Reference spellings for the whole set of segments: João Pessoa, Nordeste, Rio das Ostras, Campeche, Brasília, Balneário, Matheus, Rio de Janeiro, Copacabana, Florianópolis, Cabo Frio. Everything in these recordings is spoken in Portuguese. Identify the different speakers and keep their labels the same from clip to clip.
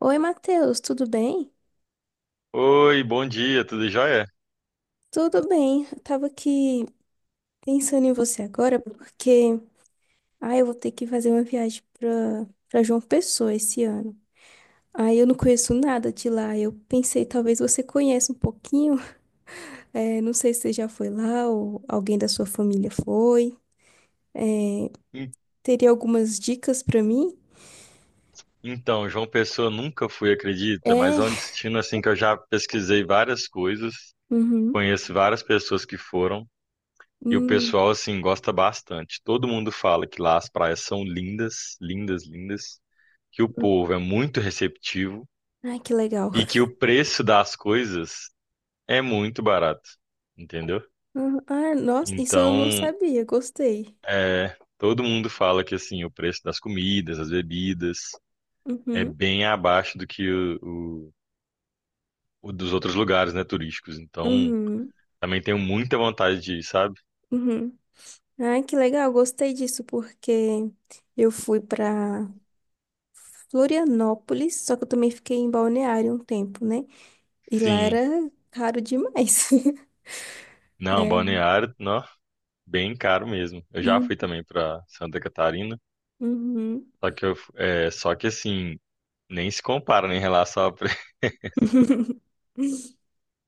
Speaker 1: Oi, Matheus, tudo bem?
Speaker 2: Oi, bom dia, tudo jóia?
Speaker 1: Tudo bem. Eu tava aqui pensando em você agora porque eu vou ter que fazer uma viagem pra para João Pessoa esse ano. Aí eu não conheço nada de lá. Eu pensei, talvez você conheça um pouquinho. Não sei se você já foi lá ou alguém da sua família foi. Eh,
Speaker 2: En-
Speaker 1: Teria algumas dicas pra mim?
Speaker 2: Então, João Pessoa nunca fui, acredita, mas
Speaker 1: É.
Speaker 2: é um destino assim que eu já pesquisei várias coisas,
Speaker 1: Uhum.
Speaker 2: conheço várias pessoas que foram e o
Speaker 1: Hum.
Speaker 2: pessoal assim gosta bastante. Todo mundo fala que lá as praias são lindas, lindas, lindas, que o povo é muito receptivo
Speaker 1: Ai, que legal.
Speaker 2: e que o preço das coisas é muito barato, entendeu?
Speaker 1: Uhum. Ah, nossa, isso eu não
Speaker 2: Então,
Speaker 1: sabia. Gostei.
Speaker 2: é, todo mundo fala que assim o preço das comidas, das bebidas é
Speaker 1: Uhum.
Speaker 2: bem abaixo do que o, o- o dos outros lugares, né, turísticos. Então,
Speaker 1: Uhum.
Speaker 2: também tenho muita vontade de ir, sabe?
Speaker 1: Uhum. Ai, que legal, gostei disso, porque eu fui para Florianópolis, só que eu também fiquei em Balneário um tempo, né? E lá
Speaker 2: Sim.
Speaker 1: era caro demais.
Speaker 2: Não,
Speaker 1: É.
Speaker 2: Balneário, não, bem caro mesmo. Eu já
Speaker 1: Hum,
Speaker 2: fui também para Santa Catarina,
Speaker 1: uhum.
Speaker 2: só que eu, é, só que assim, nem se compara né, em relação a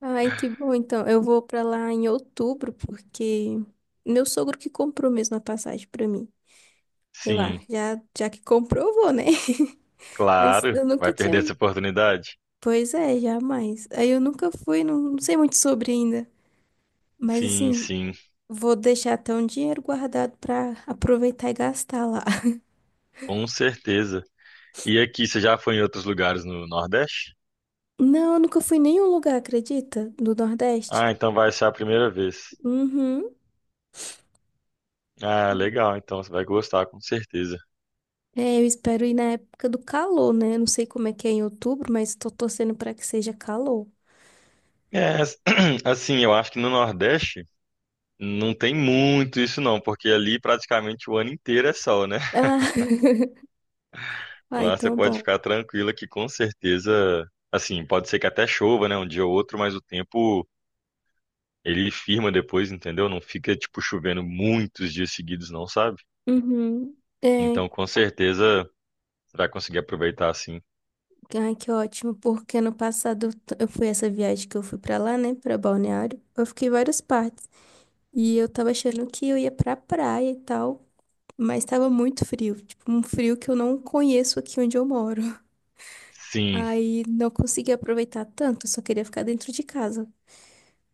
Speaker 1: Ai, que bom, então. Eu vou para lá em outubro, porque meu sogro que comprou mesmo a passagem para mim. Sei
Speaker 2: Sim,
Speaker 1: lá, já que comprou, eu vou, né? Mas
Speaker 2: claro,
Speaker 1: eu nunca
Speaker 2: vai
Speaker 1: tinha.
Speaker 2: perder essa oportunidade.
Speaker 1: Pois é, jamais. Aí eu nunca fui, não, não sei muito sobre ainda. Mas
Speaker 2: Sim,
Speaker 1: assim,
Speaker 2: sim,
Speaker 1: vou deixar até um dinheiro guardado pra aproveitar e gastar lá.
Speaker 2: com certeza. E aqui, você já foi em outros lugares no Nordeste?
Speaker 1: Não, eu nunca fui em nenhum lugar, acredita? Do Nordeste?
Speaker 2: Ah, então vai ser a primeira vez.
Speaker 1: Uhum.
Speaker 2: Ah, legal, então você vai gostar, com certeza.
Speaker 1: É, eu espero ir na época do calor, né? Não sei como é que é em outubro, mas tô torcendo pra que seja calor.
Speaker 2: É, assim, eu acho que no Nordeste não tem muito isso não, porque ali praticamente o ano inteiro é sol, né?
Speaker 1: Ah, ah,
Speaker 2: Lá você
Speaker 1: então
Speaker 2: pode
Speaker 1: bom.
Speaker 2: ficar tranquila que com certeza, assim, pode ser que até chova, né, um dia ou outro, mas o tempo ele firma depois, entendeu? Não fica tipo chovendo muitos dias seguidos não, sabe?
Speaker 1: Uhum. É,
Speaker 2: Então, com certeza você vai conseguir aproveitar assim.
Speaker 1: ai, que ótimo, porque ano passado eu fui essa viagem que eu fui pra lá, né, pra Balneário. Eu fiquei em várias partes. E eu tava achando que eu ia pra praia e tal. Mas tava muito frio, tipo, um frio que eu não conheço aqui onde eu moro.
Speaker 2: Sim.
Speaker 1: Aí não consegui aproveitar tanto, só queria ficar dentro de casa.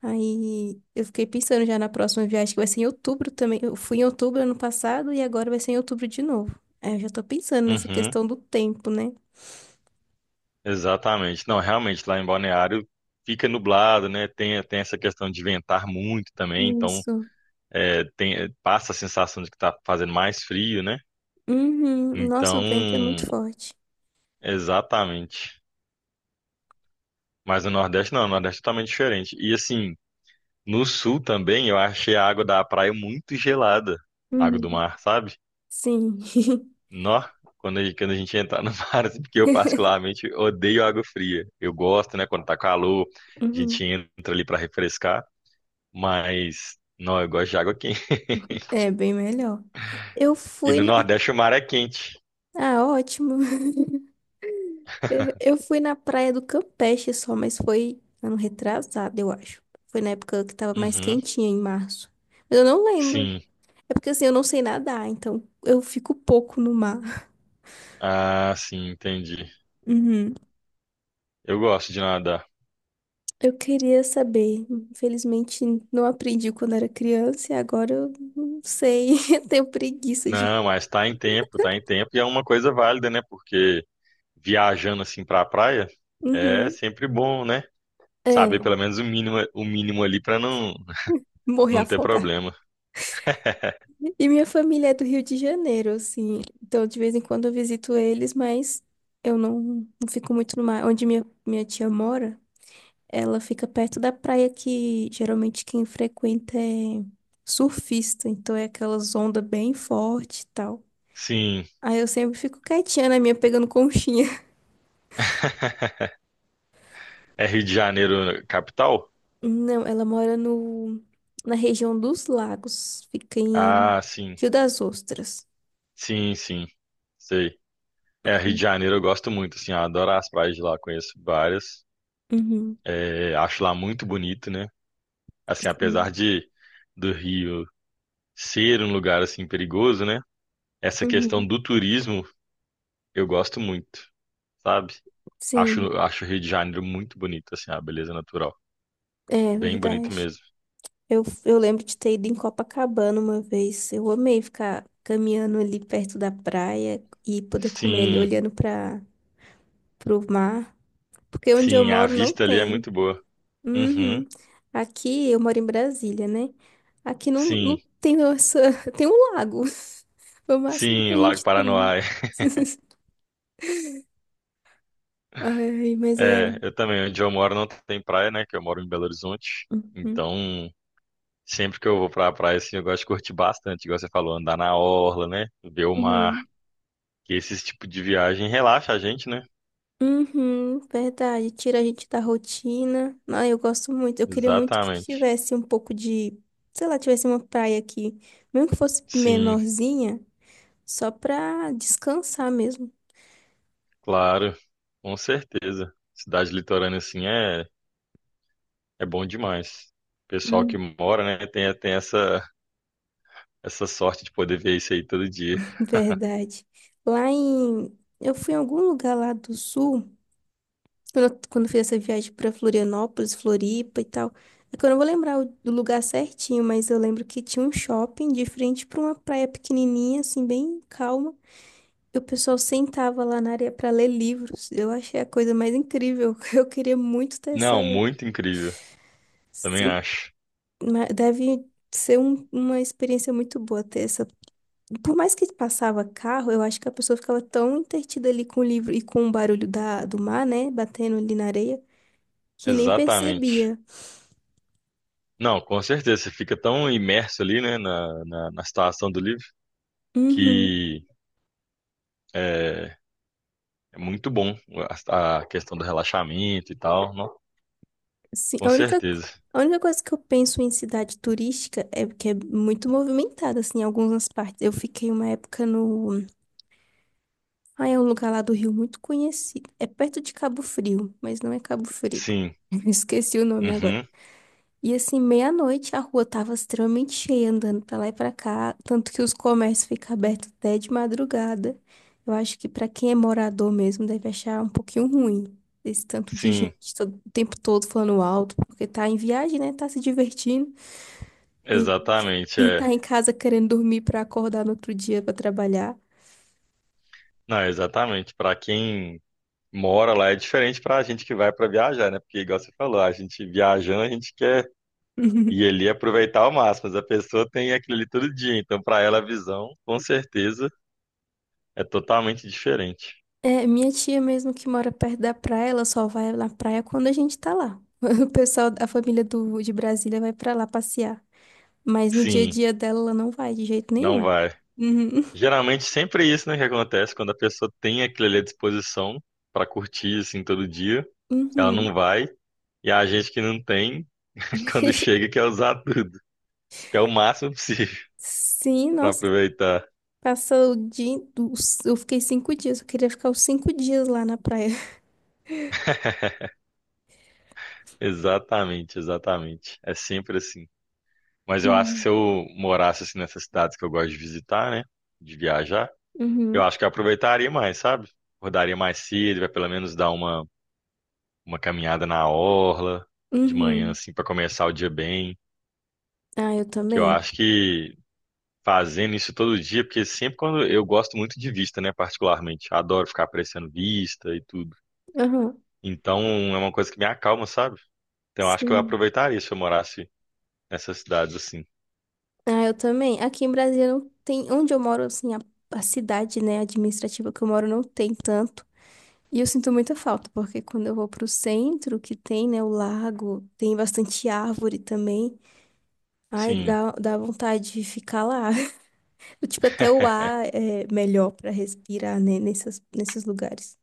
Speaker 1: Aí eu fiquei pensando já na próxima viagem, que vai ser em outubro também. Eu fui em outubro ano passado e agora vai ser em outubro de novo. Aí eu já tô pensando nessa
Speaker 2: Uhum.
Speaker 1: questão do tempo, né?
Speaker 2: Exatamente. Não, realmente lá em Balneário fica nublado, né? Tem essa questão de ventar muito também, então
Speaker 1: Isso.
Speaker 2: é, passa a sensação de que tá fazendo mais frio, né?
Speaker 1: Uhum. Nossa,
Speaker 2: Então,
Speaker 1: o vento é muito forte.
Speaker 2: exatamente. Mas no Nordeste não, no Nordeste é totalmente diferente. E assim, no Sul também eu achei a água da praia muito gelada, água do
Speaker 1: Uhum.
Speaker 2: mar, sabe?
Speaker 1: Sim.
Speaker 2: Nó, quando a gente entra no mar, assim, porque eu particularmente odeio água fria. Eu gosto, né, quando tá calor, a
Speaker 1: Uhum.
Speaker 2: gente entra ali pra refrescar, mas não, eu gosto de água quente.
Speaker 1: É bem melhor. Eu
Speaker 2: E
Speaker 1: fui
Speaker 2: no
Speaker 1: na.
Speaker 2: Nordeste o mar é quente.
Speaker 1: Ah, ótimo. É, eu fui na praia do Campeche só, mas foi ano retrasado, eu acho. Foi na época que tava mais
Speaker 2: Uhum,
Speaker 1: quentinha, em março. Mas eu não lembro.
Speaker 2: sim.
Speaker 1: É porque assim, eu não sei nadar, então eu fico pouco no mar.
Speaker 2: Ah, sim, entendi.
Speaker 1: Uhum.
Speaker 2: Eu gosto de nadar.
Speaker 1: Eu queria saber. Infelizmente, não aprendi quando era criança e agora eu não sei. Eu tenho preguiça de.
Speaker 2: Não, mas tá em tempo e é uma coisa válida, né? Porque viajando assim pra praia é
Speaker 1: Uhum.
Speaker 2: sempre bom, né? Saber
Speaker 1: É,
Speaker 2: pelo menos o mínimo ali pra
Speaker 1: morrer
Speaker 2: não ter
Speaker 1: afogada.
Speaker 2: problema.
Speaker 1: E minha família é do Rio de Janeiro, assim. Então, de vez em quando eu visito eles, mas eu não, não fico muito no mar. Onde minha tia mora, ela fica perto da praia que geralmente quem frequenta é surfista. Então, é aquelas ondas bem fortes e tal.
Speaker 2: Sim,
Speaker 1: Aí eu sempre fico quietinha na minha, pegando conchinha.
Speaker 2: é Rio de Janeiro capital?
Speaker 1: Não, ela mora no, na região dos lagos. Fica em
Speaker 2: Ah, sim.
Speaker 1: Rio das Ostras.
Speaker 2: Sim, sim. Sei. É, Rio de Janeiro eu gosto muito, assim, eu adoro as praias de lá, conheço várias.
Speaker 1: Uhum.
Speaker 2: É, acho lá muito bonito, né? Assim, apesar
Speaker 1: Sim.
Speaker 2: de do Rio ser um lugar assim perigoso, né? Essa questão
Speaker 1: Uhum.
Speaker 2: do turismo, eu gosto muito, sabe? Acho,
Speaker 1: Sim,
Speaker 2: acho o Rio de Janeiro muito bonito, assim, a beleza natural.
Speaker 1: é
Speaker 2: Bem bonito
Speaker 1: verdade.
Speaker 2: mesmo.
Speaker 1: Eu lembro de ter ido em Copacabana uma vez. Eu amei ficar caminhando ali perto da praia e poder comer ali
Speaker 2: Sim,
Speaker 1: olhando para o mar, porque onde eu
Speaker 2: sim, a
Speaker 1: moro não
Speaker 2: vista ali é
Speaker 1: tem.
Speaker 2: muito boa. Uhum,
Speaker 1: Uhum. Aqui eu moro em Brasília, né? Aqui não,
Speaker 2: sim,
Speaker 1: não tem essa, tem um lago. Foi o máximo que
Speaker 2: sim,
Speaker 1: a
Speaker 2: Lago
Speaker 1: gente tem.
Speaker 2: Paranoá.
Speaker 1: Ai, mas é.
Speaker 2: É, eu também, onde eu moro não tem praia, né? Que eu moro em Belo Horizonte.
Speaker 1: Uhum.
Speaker 2: Então, sempre que eu vou pra praia, assim, eu gosto de curtir bastante, igual você falou, andar na orla, né? Ver o mar,
Speaker 1: Uhum.
Speaker 2: que esse tipo de viagem relaxa a gente, né?
Speaker 1: Uhum, verdade. Tira a gente da rotina. Ah, eu gosto muito. Eu queria muito que
Speaker 2: Exatamente.
Speaker 1: tivesse um pouco de, sei lá, tivesse uma praia aqui, mesmo que fosse
Speaker 2: Sim.
Speaker 1: menorzinha, só pra descansar mesmo.
Speaker 2: Claro, com certeza. Cidade litorânea assim é, é bom demais. Pessoal que
Speaker 1: Hum.
Speaker 2: mora, né, tem essa sorte de poder ver isso aí todo dia.
Speaker 1: Verdade. Lá em, eu fui em algum lugar lá do sul, quando eu fiz essa viagem pra Florianópolis, Floripa e tal. É que eu não vou lembrar do lugar certinho, mas eu lembro que tinha um shopping de frente pra uma praia pequenininha, assim, bem calma. E o pessoal sentava lá na areia para ler livros. Eu achei a coisa mais incrível. Eu queria muito ter essa.
Speaker 2: Não, muito incrível, também
Speaker 1: Sim,
Speaker 2: acho.
Speaker 1: deve ser uma experiência muito boa ter essa. Por mais que passava carro, eu acho que a pessoa ficava tão entretida ali com o livro e com o barulho do mar, né? Batendo ali na areia, que nem
Speaker 2: Exatamente.
Speaker 1: percebia.
Speaker 2: Não, com certeza, você fica tão imerso ali, né, na situação do livro,
Speaker 1: Uhum.
Speaker 2: que é, é muito bom a questão do relaxamento e tal, não?
Speaker 1: Sim,
Speaker 2: Com certeza.
Speaker 1: a única coisa que eu penso em cidade turística é que é muito movimentada, assim, em algumas partes. Eu fiquei uma época no. Ah, é um lugar lá do Rio muito conhecido. É perto de Cabo Frio, mas não é Cabo Frio.
Speaker 2: Sim,
Speaker 1: Esqueci o nome agora.
Speaker 2: uhum,
Speaker 1: E assim, meia-noite a rua tava extremamente cheia, andando pra lá e pra cá, tanto que os comércios ficam abertos até de madrugada. Eu acho que pra quem é morador mesmo deve achar um pouquinho ruim esse tanto de
Speaker 2: sim,
Speaker 1: gente o tempo todo falando alto, porque tá em viagem, né? Tá se divertindo. E
Speaker 2: exatamente,
Speaker 1: quem
Speaker 2: é.
Speaker 1: tá em casa querendo dormir pra acordar no outro dia pra trabalhar.
Speaker 2: Não, exatamente, para quem mora lá é diferente para a gente que vai para viajar, né? Porque, igual você falou, a gente viajando, a gente quer ir ali e aproveitar ao máximo, mas a pessoa tem aquilo ali todo dia, então para ela a visão, com certeza, é totalmente diferente.
Speaker 1: É, minha tia mesmo que mora perto da praia, ela só vai na praia quando a gente tá lá. O pessoal, a família de Brasília vai pra lá passear. Mas no dia a
Speaker 2: Sim,
Speaker 1: dia dela, ela não vai de jeito
Speaker 2: não
Speaker 1: nenhum.
Speaker 2: vai.
Speaker 1: Uhum.
Speaker 2: Geralmente sempre é isso, né, que acontece quando a pessoa tem aquilo ali à disposição para curtir assim todo dia, ela não
Speaker 1: Uhum.
Speaker 2: vai. E a gente que não tem, quando chega, quer usar tudo, quer o máximo possível
Speaker 1: Sim,
Speaker 2: para
Speaker 1: nossa,
Speaker 2: aproveitar.
Speaker 1: passou o dia. Eu fiquei 5 dias, eu queria ficar os 5 dias lá na praia.
Speaker 2: Exatamente, exatamente. É sempre assim. Mas eu acho que se
Speaker 1: Uhum.
Speaker 2: eu morasse assim nessas cidades que eu gosto de visitar, né? De viajar, eu
Speaker 1: Uhum.
Speaker 2: acho que eu aproveitaria mais, sabe? Acordaria mais cedo, vai pelo menos dar uma caminhada na orla de manhã,
Speaker 1: Uhum.
Speaker 2: assim, para começar o dia bem.
Speaker 1: Ah, eu
Speaker 2: Que eu
Speaker 1: também.
Speaker 2: acho que fazendo isso todo dia, porque sempre quando eu gosto muito de vista, né? Particularmente, adoro ficar apreciando vista e tudo.
Speaker 1: Aham.
Speaker 2: Então é uma coisa que me acalma, sabe? Então eu acho que eu
Speaker 1: Sim.
Speaker 2: aproveitaria se eu morasse nessas cidades assim.
Speaker 1: Ah, eu também. Aqui em Brasília não tem. Onde eu moro, assim, a cidade, né, administrativa que eu moro não tem tanto. E eu sinto muita falta, porque quando eu vou pro centro, que tem, né, o lago, tem bastante árvore também. Ai,
Speaker 2: Sim,
Speaker 1: dá vontade de ficar lá. Tipo, até o ar é melhor pra respirar, né, nesses lugares.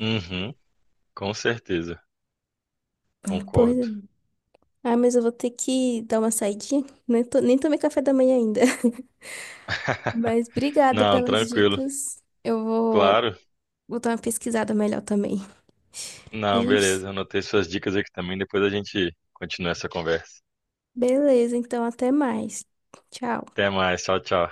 Speaker 2: uhum, com certeza,
Speaker 1: Pois é.
Speaker 2: concordo.
Speaker 1: Ah, mas eu vou ter que dar uma saidinha. Nem tomei café da manhã ainda. Mas obrigada
Speaker 2: Não,
Speaker 1: pelas
Speaker 2: tranquilo.
Speaker 1: dicas.
Speaker 2: Claro.
Speaker 1: Vou dar uma pesquisada melhor também. A
Speaker 2: Não,
Speaker 1: gente.
Speaker 2: beleza. Anotei suas dicas aqui também. Depois a gente continua essa conversa.
Speaker 1: Beleza, então até mais. Tchau.
Speaker 2: Até mais. Tchau, tchau.